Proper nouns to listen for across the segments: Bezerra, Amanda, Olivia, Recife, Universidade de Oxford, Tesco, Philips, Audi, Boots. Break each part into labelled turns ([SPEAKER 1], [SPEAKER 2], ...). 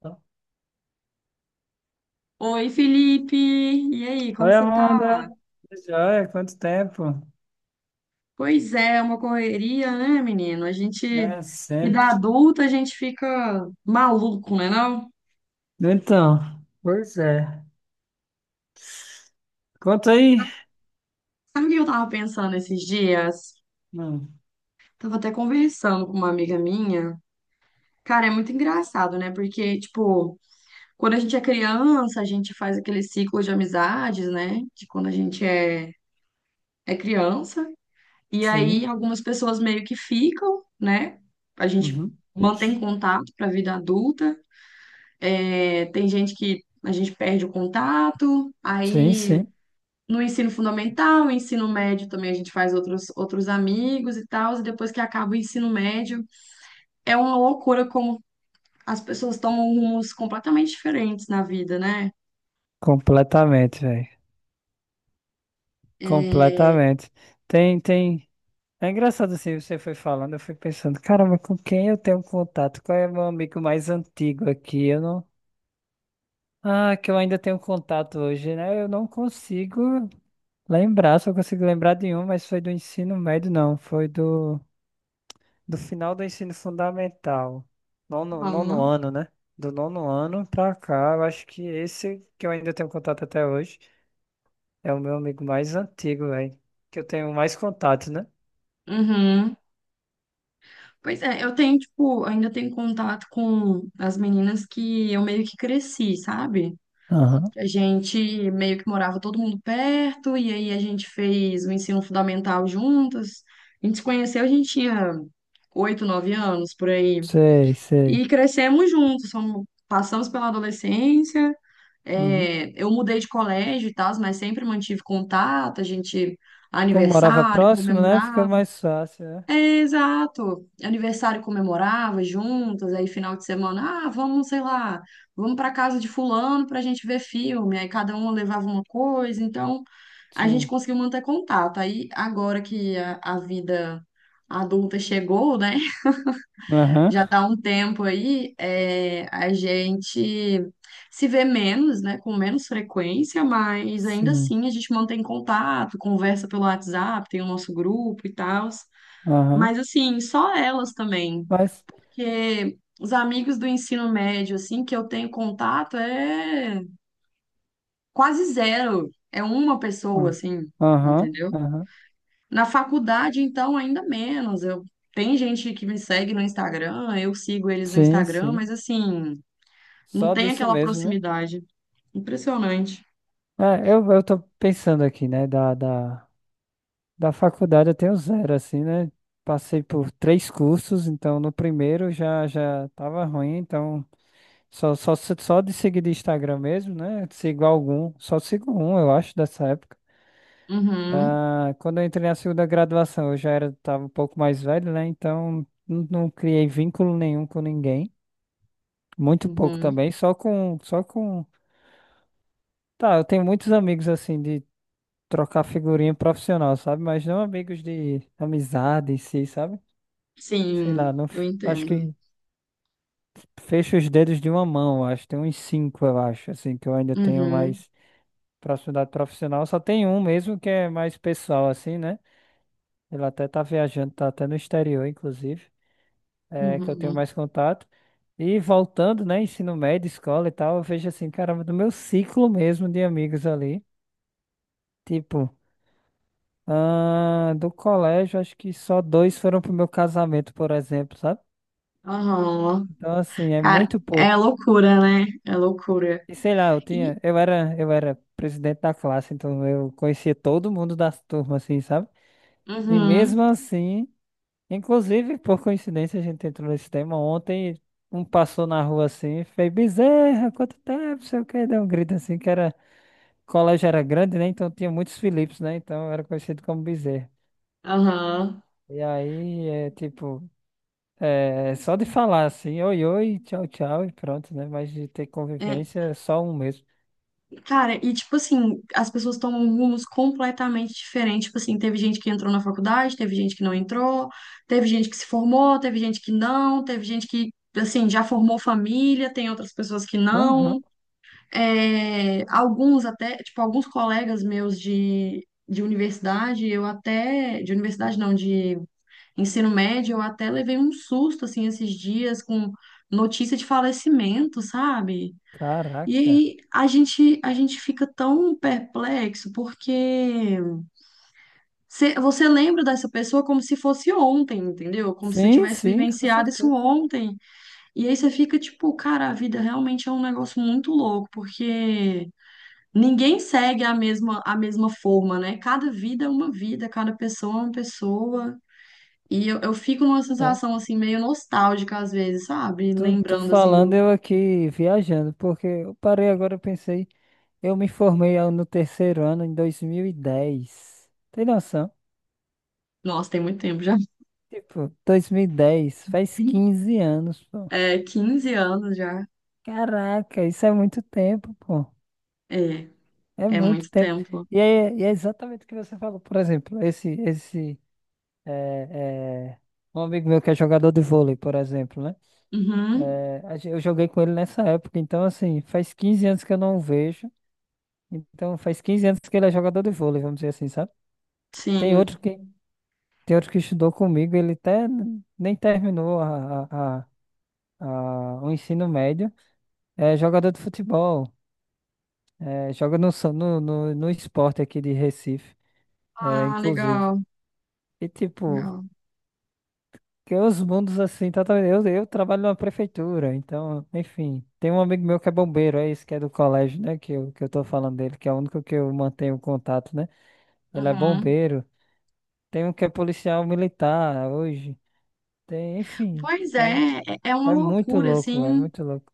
[SPEAKER 1] Oi,
[SPEAKER 2] Oi, Felipe! E aí, como você tá?
[SPEAKER 1] Amanda. Tudo joia, quanto tempo?
[SPEAKER 2] Pois é, é uma correria, né, menino?
[SPEAKER 1] É,
[SPEAKER 2] Vida
[SPEAKER 1] sempre.
[SPEAKER 2] adulta, a gente fica maluco, né, não?
[SPEAKER 1] Então, pois é. Conta aí.
[SPEAKER 2] Sabe o que eu tava pensando esses dias?
[SPEAKER 1] Hum,
[SPEAKER 2] Tava até conversando com uma amiga minha. Cara, é muito engraçado, né? Porque, tipo, quando a gente é criança, a gente faz aquele ciclo de amizades, né? De quando a gente é criança. E aí,
[SPEAKER 1] sim.
[SPEAKER 2] algumas pessoas meio que ficam, né? A gente
[SPEAKER 1] Uhum.
[SPEAKER 2] mantém contato pra vida adulta. É, tem gente que a gente perde o contato,
[SPEAKER 1] Sim,
[SPEAKER 2] aí
[SPEAKER 1] sim.
[SPEAKER 2] no ensino fundamental, ensino médio também a gente faz outros amigos e tal, e depois que acaba o ensino médio, é uma loucura como as pessoas tomam rumos completamente diferentes na vida, né?
[SPEAKER 1] Completamente, velho.
[SPEAKER 2] É.
[SPEAKER 1] Completamente. Tem, tem. É engraçado assim, você foi falando, eu fui pensando, caramba, com quem eu tenho contato? Qual é meu amigo mais antigo aqui? Eu não. Ah, que eu ainda tenho contato hoje, né? Eu não consigo lembrar, só consigo lembrar de um, mas foi do ensino médio, não. Foi do. Do final do ensino fundamental, nono
[SPEAKER 2] Aham.
[SPEAKER 1] ano, né? Do nono ano pra cá, eu acho que esse que eu ainda tenho contato até hoje é o meu amigo mais antigo, velho. Que eu tenho mais contato, né?
[SPEAKER 2] Uhum. Pois é, eu tenho, tipo, ainda tenho contato com as meninas que eu meio que cresci, sabe?
[SPEAKER 1] Aham.
[SPEAKER 2] A gente meio que morava todo mundo perto, e aí a gente fez o ensino fundamental juntas. A gente se conheceu, a gente tinha oito, nove anos por aí.
[SPEAKER 1] Sei, sei.
[SPEAKER 2] E crescemos juntos, passamos pela adolescência.
[SPEAKER 1] Uhum.
[SPEAKER 2] É, eu mudei de colégio e tal, mas sempre mantive contato.
[SPEAKER 1] Como morava
[SPEAKER 2] Aniversário,
[SPEAKER 1] próximo, né? Fica
[SPEAKER 2] comemorava.
[SPEAKER 1] mais fácil, né?
[SPEAKER 2] É, exato. Aniversário comemorava juntas, aí final de semana, ah, vamos, sei lá, vamos para casa de fulano para a gente ver filme. Aí cada um levava uma coisa, então a gente
[SPEAKER 1] Sim.
[SPEAKER 2] conseguiu manter contato. Aí agora que a vida adulta chegou, né?
[SPEAKER 1] Aham.
[SPEAKER 2] Já tá um tempo aí, é, a gente se vê menos, né? Com menos frequência, mas ainda
[SPEAKER 1] Sim.
[SPEAKER 2] assim a gente mantém contato, conversa pelo WhatsApp, tem o nosso grupo e tal.
[SPEAKER 1] Aham.
[SPEAKER 2] Mas assim, só elas também,
[SPEAKER 1] Mas.
[SPEAKER 2] porque os amigos do ensino médio assim que eu tenho contato é quase zero, é uma pessoa
[SPEAKER 1] Ah.
[SPEAKER 2] assim,
[SPEAKER 1] Aham,
[SPEAKER 2] entendeu?
[SPEAKER 1] aham.
[SPEAKER 2] Na faculdade então ainda menos. Eu Tem gente que me segue no Instagram, eu sigo eles no
[SPEAKER 1] Sim,
[SPEAKER 2] Instagram,
[SPEAKER 1] sim.
[SPEAKER 2] mas assim, não
[SPEAKER 1] Só
[SPEAKER 2] tem
[SPEAKER 1] disso
[SPEAKER 2] aquela
[SPEAKER 1] mesmo, né?
[SPEAKER 2] proximidade. Impressionante.
[SPEAKER 1] É, eu tô pensando aqui, né? Da faculdade eu tenho zero, assim, né? Passei por três cursos, então no primeiro já tava ruim, então só de seguir de Instagram mesmo, né? Sigo algum, só sigo um, eu acho, dessa época.
[SPEAKER 2] Uhum,
[SPEAKER 1] Ah, quando eu entrei na segunda graduação, eu já era, tava um pouco mais velho, né? Então não criei vínculo nenhum com ninguém, muito pouco
[SPEAKER 2] uhum.
[SPEAKER 1] também, só com... Tá, eu tenho muitos amigos, assim, de trocar figurinha profissional, sabe? Mas não amigos de amizade em si, sabe? Sei lá,
[SPEAKER 2] Sim,
[SPEAKER 1] não,
[SPEAKER 2] eu
[SPEAKER 1] acho
[SPEAKER 2] entendo.
[SPEAKER 1] que fecho os dedos de uma mão, acho. Tem uns cinco, eu acho, assim, que eu ainda tenho
[SPEAKER 2] Uhum,
[SPEAKER 1] mais proximidade profissional. Só tem um mesmo que é mais pessoal, assim, né? Ele até tá viajando, tá até no exterior, inclusive, é
[SPEAKER 2] uhum.
[SPEAKER 1] que eu tenho
[SPEAKER 2] Uhum.
[SPEAKER 1] mais contato. E voltando, né, ensino médio, escola e tal, eu vejo assim, caramba, do meu ciclo mesmo de amigos ali. Tipo, ah, do colégio, acho que só dois foram pro meu casamento, por exemplo, sabe?
[SPEAKER 2] Aham.
[SPEAKER 1] Então, assim, é
[SPEAKER 2] Cara,
[SPEAKER 1] muito
[SPEAKER 2] é
[SPEAKER 1] pouco.
[SPEAKER 2] loucura, né? É loucura.
[SPEAKER 1] E sei lá, eu
[SPEAKER 2] E.
[SPEAKER 1] tinha, eu era presidente da classe, então eu conhecia todo mundo da turma, assim, sabe? E
[SPEAKER 2] Uhum,
[SPEAKER 1] mesmo assim, inclusive, por coincidência, a gente entrou nesse tema ontem, um passou na rua assim, e fez Bezerra, quanto tempo, sei o quê, deu um grito assim, que era, o colégio era grande, né? Então tinha muitos Philips, né? Então eu era conhecido como Bezerra.
[SPEAKER 2] aham.
[SPEAKER 1] E aí, é tipo, é só de falar assim, oi, oi, tchau, tchau, e pronto, né? Mas de ter
[SPEAKER 2] É,
[SPEAKER 1] convivência, é só um mesmo.
[SPEAKER 2] cara, e tipo assim, as pessoas tomam rumos completamente diferentes. Tipo assim, teve gente que entrou na faculdade, teve gente que não entrou, teve gente que se formou, teve gente que não, teve gente que, assim, já formou família, tem outras pessoas que
[SPEAKER 1] Aham.
[SPEAKER 2] não. É, alguns até, tipo, alguns colegas meus de universidade, eu até, de universidade não, de ensino médio, eu até levei um susto assim esses dias com notícia de falecimento, sabe? E
[SPEAKER 1] Caraca.
[SPEAKER 2] aí a gente fica tão perplexo porque você lembra dessa pessoa como se fosse ontem, entendeu? Como se você
[SPEAKER 1] Sim,
[SPEAKER 2] tivesse
[SPEAKER 1] sim, com
[SPEAKER 2] vivenciado isso
[SPEAKER 1] certeza.
[SPEAKER 2] ontem. E aí você fica tipo, cara, a vida realmente é um negócio muito louco, porque ninguém segue a mesma forma, né? Cada vida é uma vida, cada pessoa é uma pessoa. E eu fico numa
[SPEAKER 1] É,
[SPEAKER 2] sensação, assim, meio nostálgica às vezes, sabe?
[SPEAKER 1] tô
[SPEAKER 2] Lembrando, assim,
[SPEAKER 1] falando
[SPEAKER 2] do...
[SPEAKER 1] eu aqui viajando, porque eu parei agora, eu pensei, eu me formei no terceiro ano em 2010. Tem noção?
[SPEAKER 2] Nossa, tem muito tempo já.
[SPEAKER 1] Tipo, 2010, faz 15 anos, pô.
[SPEAKER 2] É, 15 anos já.
[SPEAKER 1] Caraca, isso é muito tempo, pô.
[SPEAKER 2] É,
[SPEAKER 1] É
[SPEAKER 2] é
[SPEAKER 1] muito
[SPEAKER 2] muito
[SPEAKER 1] tempo.
[SPEAKER 2] tempo.
[SPEAKER 1] E é exatamente o que você falou, por exemplo, é, é, um amigo meu que é jogador de vôlei, por exemplo, né?
[SPEAKER 2] Uhum,
[SPEAKER 1] É, eu joguei com ele nessa época, então assim, faz 15 anos que eu não o vejo. Então faz 15 anos que ele é jogador de vôlei, vamos dizer assim, sabe? Tem outro
[SPEAKER 2] sim.
[SPEAKER 1] que, tem outro que estudou comigo, ele até nem terminou o ensino médio. É jogador de futebol, é, joga no esporte aqui de Recife, é,
[SPEAKER 2] Ah,
[SPEAKER 1] inclusive.
[SPEAKER 2] legal,
[SPEAKER 1] E tipo,
[SPEAKER 2] legal.
[SPEAKER 1] porque os mundos assim, totalmente. Eu trabalho numa prefeitura, então, enfim. Tem um amigo meu que é bombeiro, é isso que é do colégio, né? Que eu tô falando dele, que é o único que eu mantenho contato, né? Ele é
[SPEAKER 2] Uhum.
[SPEAKER 1] bombeiro. Tem um que é policial militar hoje. Tem, enfim.
[SPEAKER 2] Pois
[SPEAKER 1] É,
[SPEAKER 2] é, é uma loucura,
[SPEAKER 1] é
[SPEAKER 2] assim.
[SPEAKER 1] muito louco.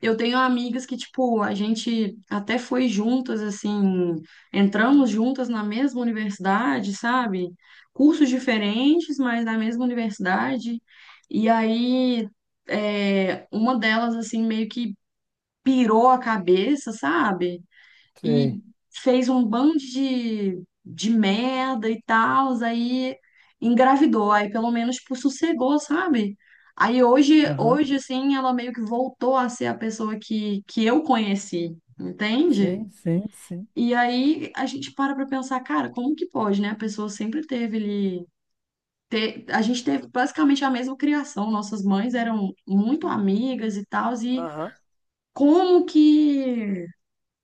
[SPEAKER 2] Eu tenho amigas que, tipo, a gente até foi juntas, assim, entramos juntas na mesma universidade, sabe? Cursos diferentes, mas na mesma universidade. E aí, é, uma delas, assim, meio que pirou a cabeça, sabe? E
[SPEAKER 1] Sei.
[SPEAKER 2] fez um bando de merda e tal, aí engravidou, aí pelo menos tipo, sossegou, sabe? Aí
[SPEAKER 1] Aham.
[SPEAKER 2] hoje, assim, ela meio que voltou a ser a pessoa que eu conheci, entende?
[SPEAKER 1] Sim, sim, sim.
[SPEAKER 2] E aí a gente para pra pensar, cara, como que pode, né? A pessoa sempre teve ali. A gente teve basicamente a mesma criação, nossas mães eram muito amigas e tal, e
[SPEAKER 1] Aham.
[SPEAKER 2] como que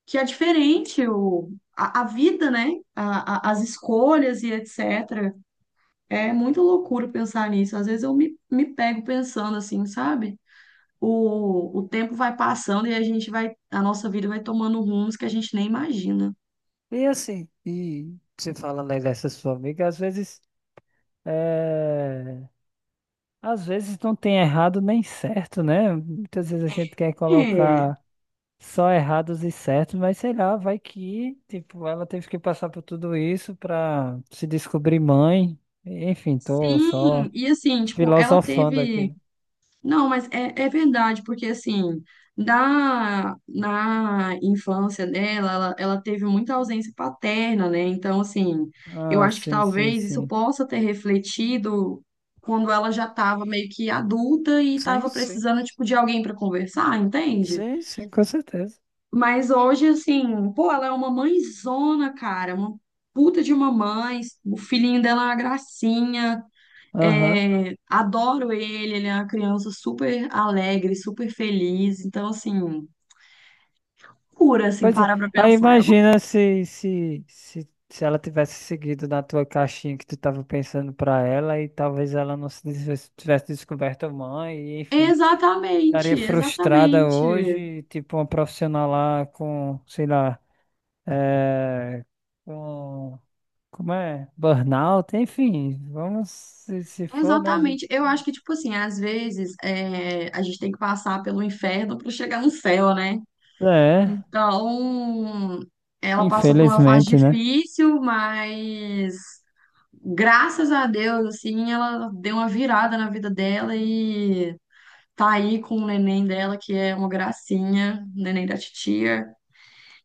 [SPEAKER 2] que é diferente a vida, né? As escolhas e etc. É muito loucura pensar nisso. Às vezes eu me pego pensando assim, sabe? O tempo vai passando e a gente vai, a nossa vida vai tomando rumos que a gente nem imagina.
[SPEAKER 1] E assim, e você falando aí dessa sua amiga, às vezes. Às vezes não tem errado nem certo, né? Muitas vezes a gente quer
[SPEAKER 2] É,
[SPEAKER 1] colocar só errados e certos, mas sei lá, vai que, tipo, ela teve que passar por tudo isso pra se descobrir mãe. Enfim, tô só
[SPEAKER 2] sim, e assim, tipo, ela
[SPEAKER 1] filosofando aqui.
[SPEAKER 2] teve. Não, mas é verdade, porque assim, na infância dela, ela teve muita ausência paterna, né? Então, assim, eu
[SPEAKER 1] Ah,
[SPEAKER 2] acho que
[SPEAKER 1] sim, sim,
[SPEAKER 2] talvez isso
[SPEAKER 1] sim.
[SPEAKER 2] possa ter refletido quando ela já estava meio que adulta e
[SPEAKER 1] Sim,
[SPEAKER 2] estava
[SPEAKER 1] sim.
[SPEAKER 2] precisando, tipo, de alguém para conversar, entende?
[SPEAKER 1] Sim, sim, com certeza.
[SPEAKER 2] Mas hoje, assim, pô, ela é uma mãezona, cara, uma puta de uma mãe, o filhinho dela é uma gracinha.
[SPEAKER 1] Aham.
[SPEAKER 2] É, adoro ele, ele é uma criança super alegre, super feliz. Então, assim, cura, assim,
[SPEAKER 1] Pois é,
[SPEAKER 2] para pra
[SPEAKER 1] aí
[SPEAKER 2] pensar. Ela-
[SPEAKER 1] imagina se ela tivesse seguido na tua caixinha que tu tava pensando pra ela e talvez ela não se des- tivesse descoberto a mãe e enfim, estaria
[SPEAKER 2] Exatamente,
[SPEAKER 1] frustrada
[SPEAKER 2] exatamente,
[SPEAKER 1] hoje, tipo uma profissional lá com, sei lá, é, com, como é? Burnout, enfim, vamos, se for, né? A gente.
[SPEAKER 2] exatamente. Eu acho que, tipo assim, às vezes é, a gente tem que passar pelo inferno para chegar no céu, né?
[SPEAKER 1] É,
[SPEAKER 2] Então, ela passou por uma fase
[SPEAKER 1] infelizmente, né?
[SPEAKER 2] difícil, mas graças a Deus, assim, ela deu uma virada na vida dela, tá aí com o neném dela, que é uma gracinha, o neném da titia.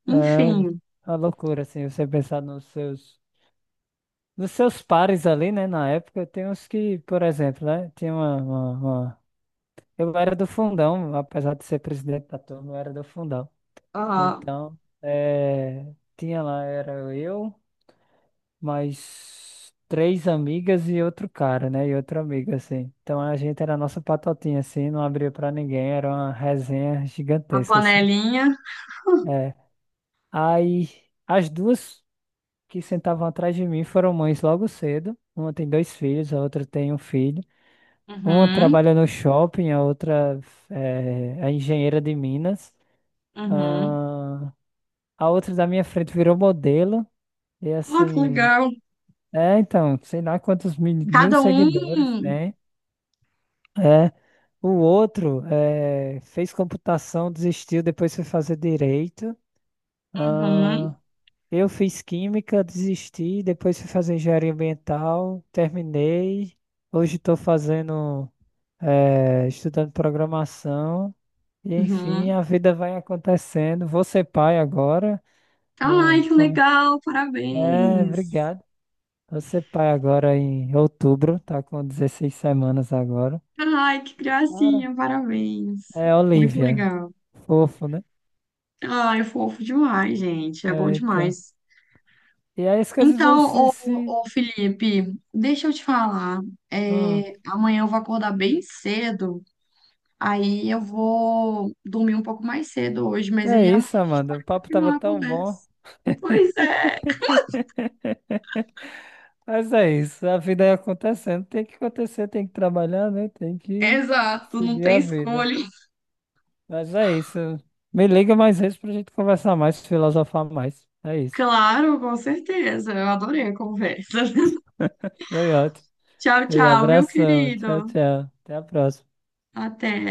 [SPEAKER 1] É
[SPEAKER 2] Enfim,
[SPEAKER 1] uma loucura, assim, você pensar nos seus. Dos seus pares ali, né, na época, tem uns que, por exemplo, né, tinha eu era do fundão, apesar de ser presidente da turma, eu era do fundão.
[SPEAKER 2] a,
[SPEAKER 1] Então, eh, tinha lá, era eu, mais três amigas e outro cara, né, e outra amiga, assim. Então, a gente era a nossa patotinha, assim, não abria pra ninguém, era uma resenha
[SPEAKER 2] a
[SPEAKER 1] gigantesca, assim.
[SPEAKER 2] panelinha.
[SPEAKER 1] É. Aí, as duas que sentavam atrás de mim foram mães logo cedo. Uma tem dois filhos, a outra tem um filho. Uma
[SPEAKER 2] Uhum,
[SPEAKER 1] trabalha no shopping, a outra é, é engenheira de Minas.
[SPEAKER 2] uhum.
[SPEAKER 1] Ah, a outra da minha frente virou modelo. E
[SPEAKER 2] Ah, que
[SPEAKER 1] assim,
[SPEAKER 2] legal.
[SPEAKER 1] é, então, sei lá quantos mil
[SPEAKER 2] Cada
[SPEAKER 1] seguidores
[SPEAKER 2] um.
[SPEAKER 1] tem. É, o outro é, fez computação, desistiu, depois foi fazer direito. Ah,
[SPEAKER 2] Uhum,
[SPEAKER 1] eu fiz química, desisti, depois fui fazer engenharia ambiental, terminei. Hoje estou fazendo, é, estudando programação. E enfim,
[SPEAKER 2] uhum.
[SPEAKER 1] a vida vai acontecendo. Vou ser pai agora.
[SPEAKER 2] Tá,
[SPEAKER 1] Não,
[SPEAKER 2] ai, que
[SPEAKER 1] não-
[SPEAKER 2] legal,
[SPEAKER 1] é,
[SPEAKER 2] parabéns.
[SPEAKER 1] obrigado. Vou ser pai agora em outubro, tá com 16 semanas agora.
[SPEAKER 2] Tá, ai, que
[SPEAKER 1] Cara,
[SPEAKER 2] gracinha, parabéns.
[SPEAKER 1] é
[SPEAKER 2] Muito
[SPEAKER 1] Olivia.
[SPEAKER 2] legal.
[SPEAKER 1] Fofo, né?
[SPEAKER 2] Ai, é fofo demais, gente. É bom
[SPEAKER 1] É, então.
[SPEAKER 2] demais.
[SPEAKER 1] E aí as coisas vão
[SPEAKER 2] Então,
[SPEAKER 1] se,
[SPEAKER 2] ô,
[SPEAKER 1] se...
[SPEAKER 2] ô Felipe, deixa eu te falar.
[SPEAKER 1] Hum,
[SPEAKER 2] É, amanhã eu vou acordar bem cedo. Aí eu vou dormir um pouco mais cedo hoje,
[SPEAKER 1] que
[SPEAKER 2] mas
[SPEAKER 1] é
[SPEAKER 2] aí amanhã
[SPEAKER 1] isso,
[SPEAKER 2] a gente
[SPEAKER 1] Amanda? O
[SPEAKER 2] pode
[SPEAKER 1] papo tava
[SPEAKER 2] continuar a
[SPEAKER 1] tão bom.
[SPEAKER 2] conversa. Pois é,
[SPEAKER 1] Mas é isso, a vida é acontecendo. Tem que acontecer, tem que trabalhar, né? Tem que
[SPEAKER 2] exato, não
[SPEAKER 1] seguir
[SPEAKER 2] tem
[SPEAKER 1] a vida.
[SPEAKER 2] escolha.
[SPEAKER 1] Mas é isso. Me liga mais vezes pra gente conversar mais, filosofar mais. É isso.
[SPEAKER 2] Claro, com certeza. Eu adorei a conversa.
[SPEAKER 1] Foi ótimo.
[SPEAKER 2] Tchau,
[SPEAKER 1] E
[SPEAKER 2] tchau, viu,
[SPEAKER 1] abração. Tchau,
[SPEAKER 2] querido?
[SPEAKER 1] tchau. Até a próxima.
[SPEAKER 2] Até.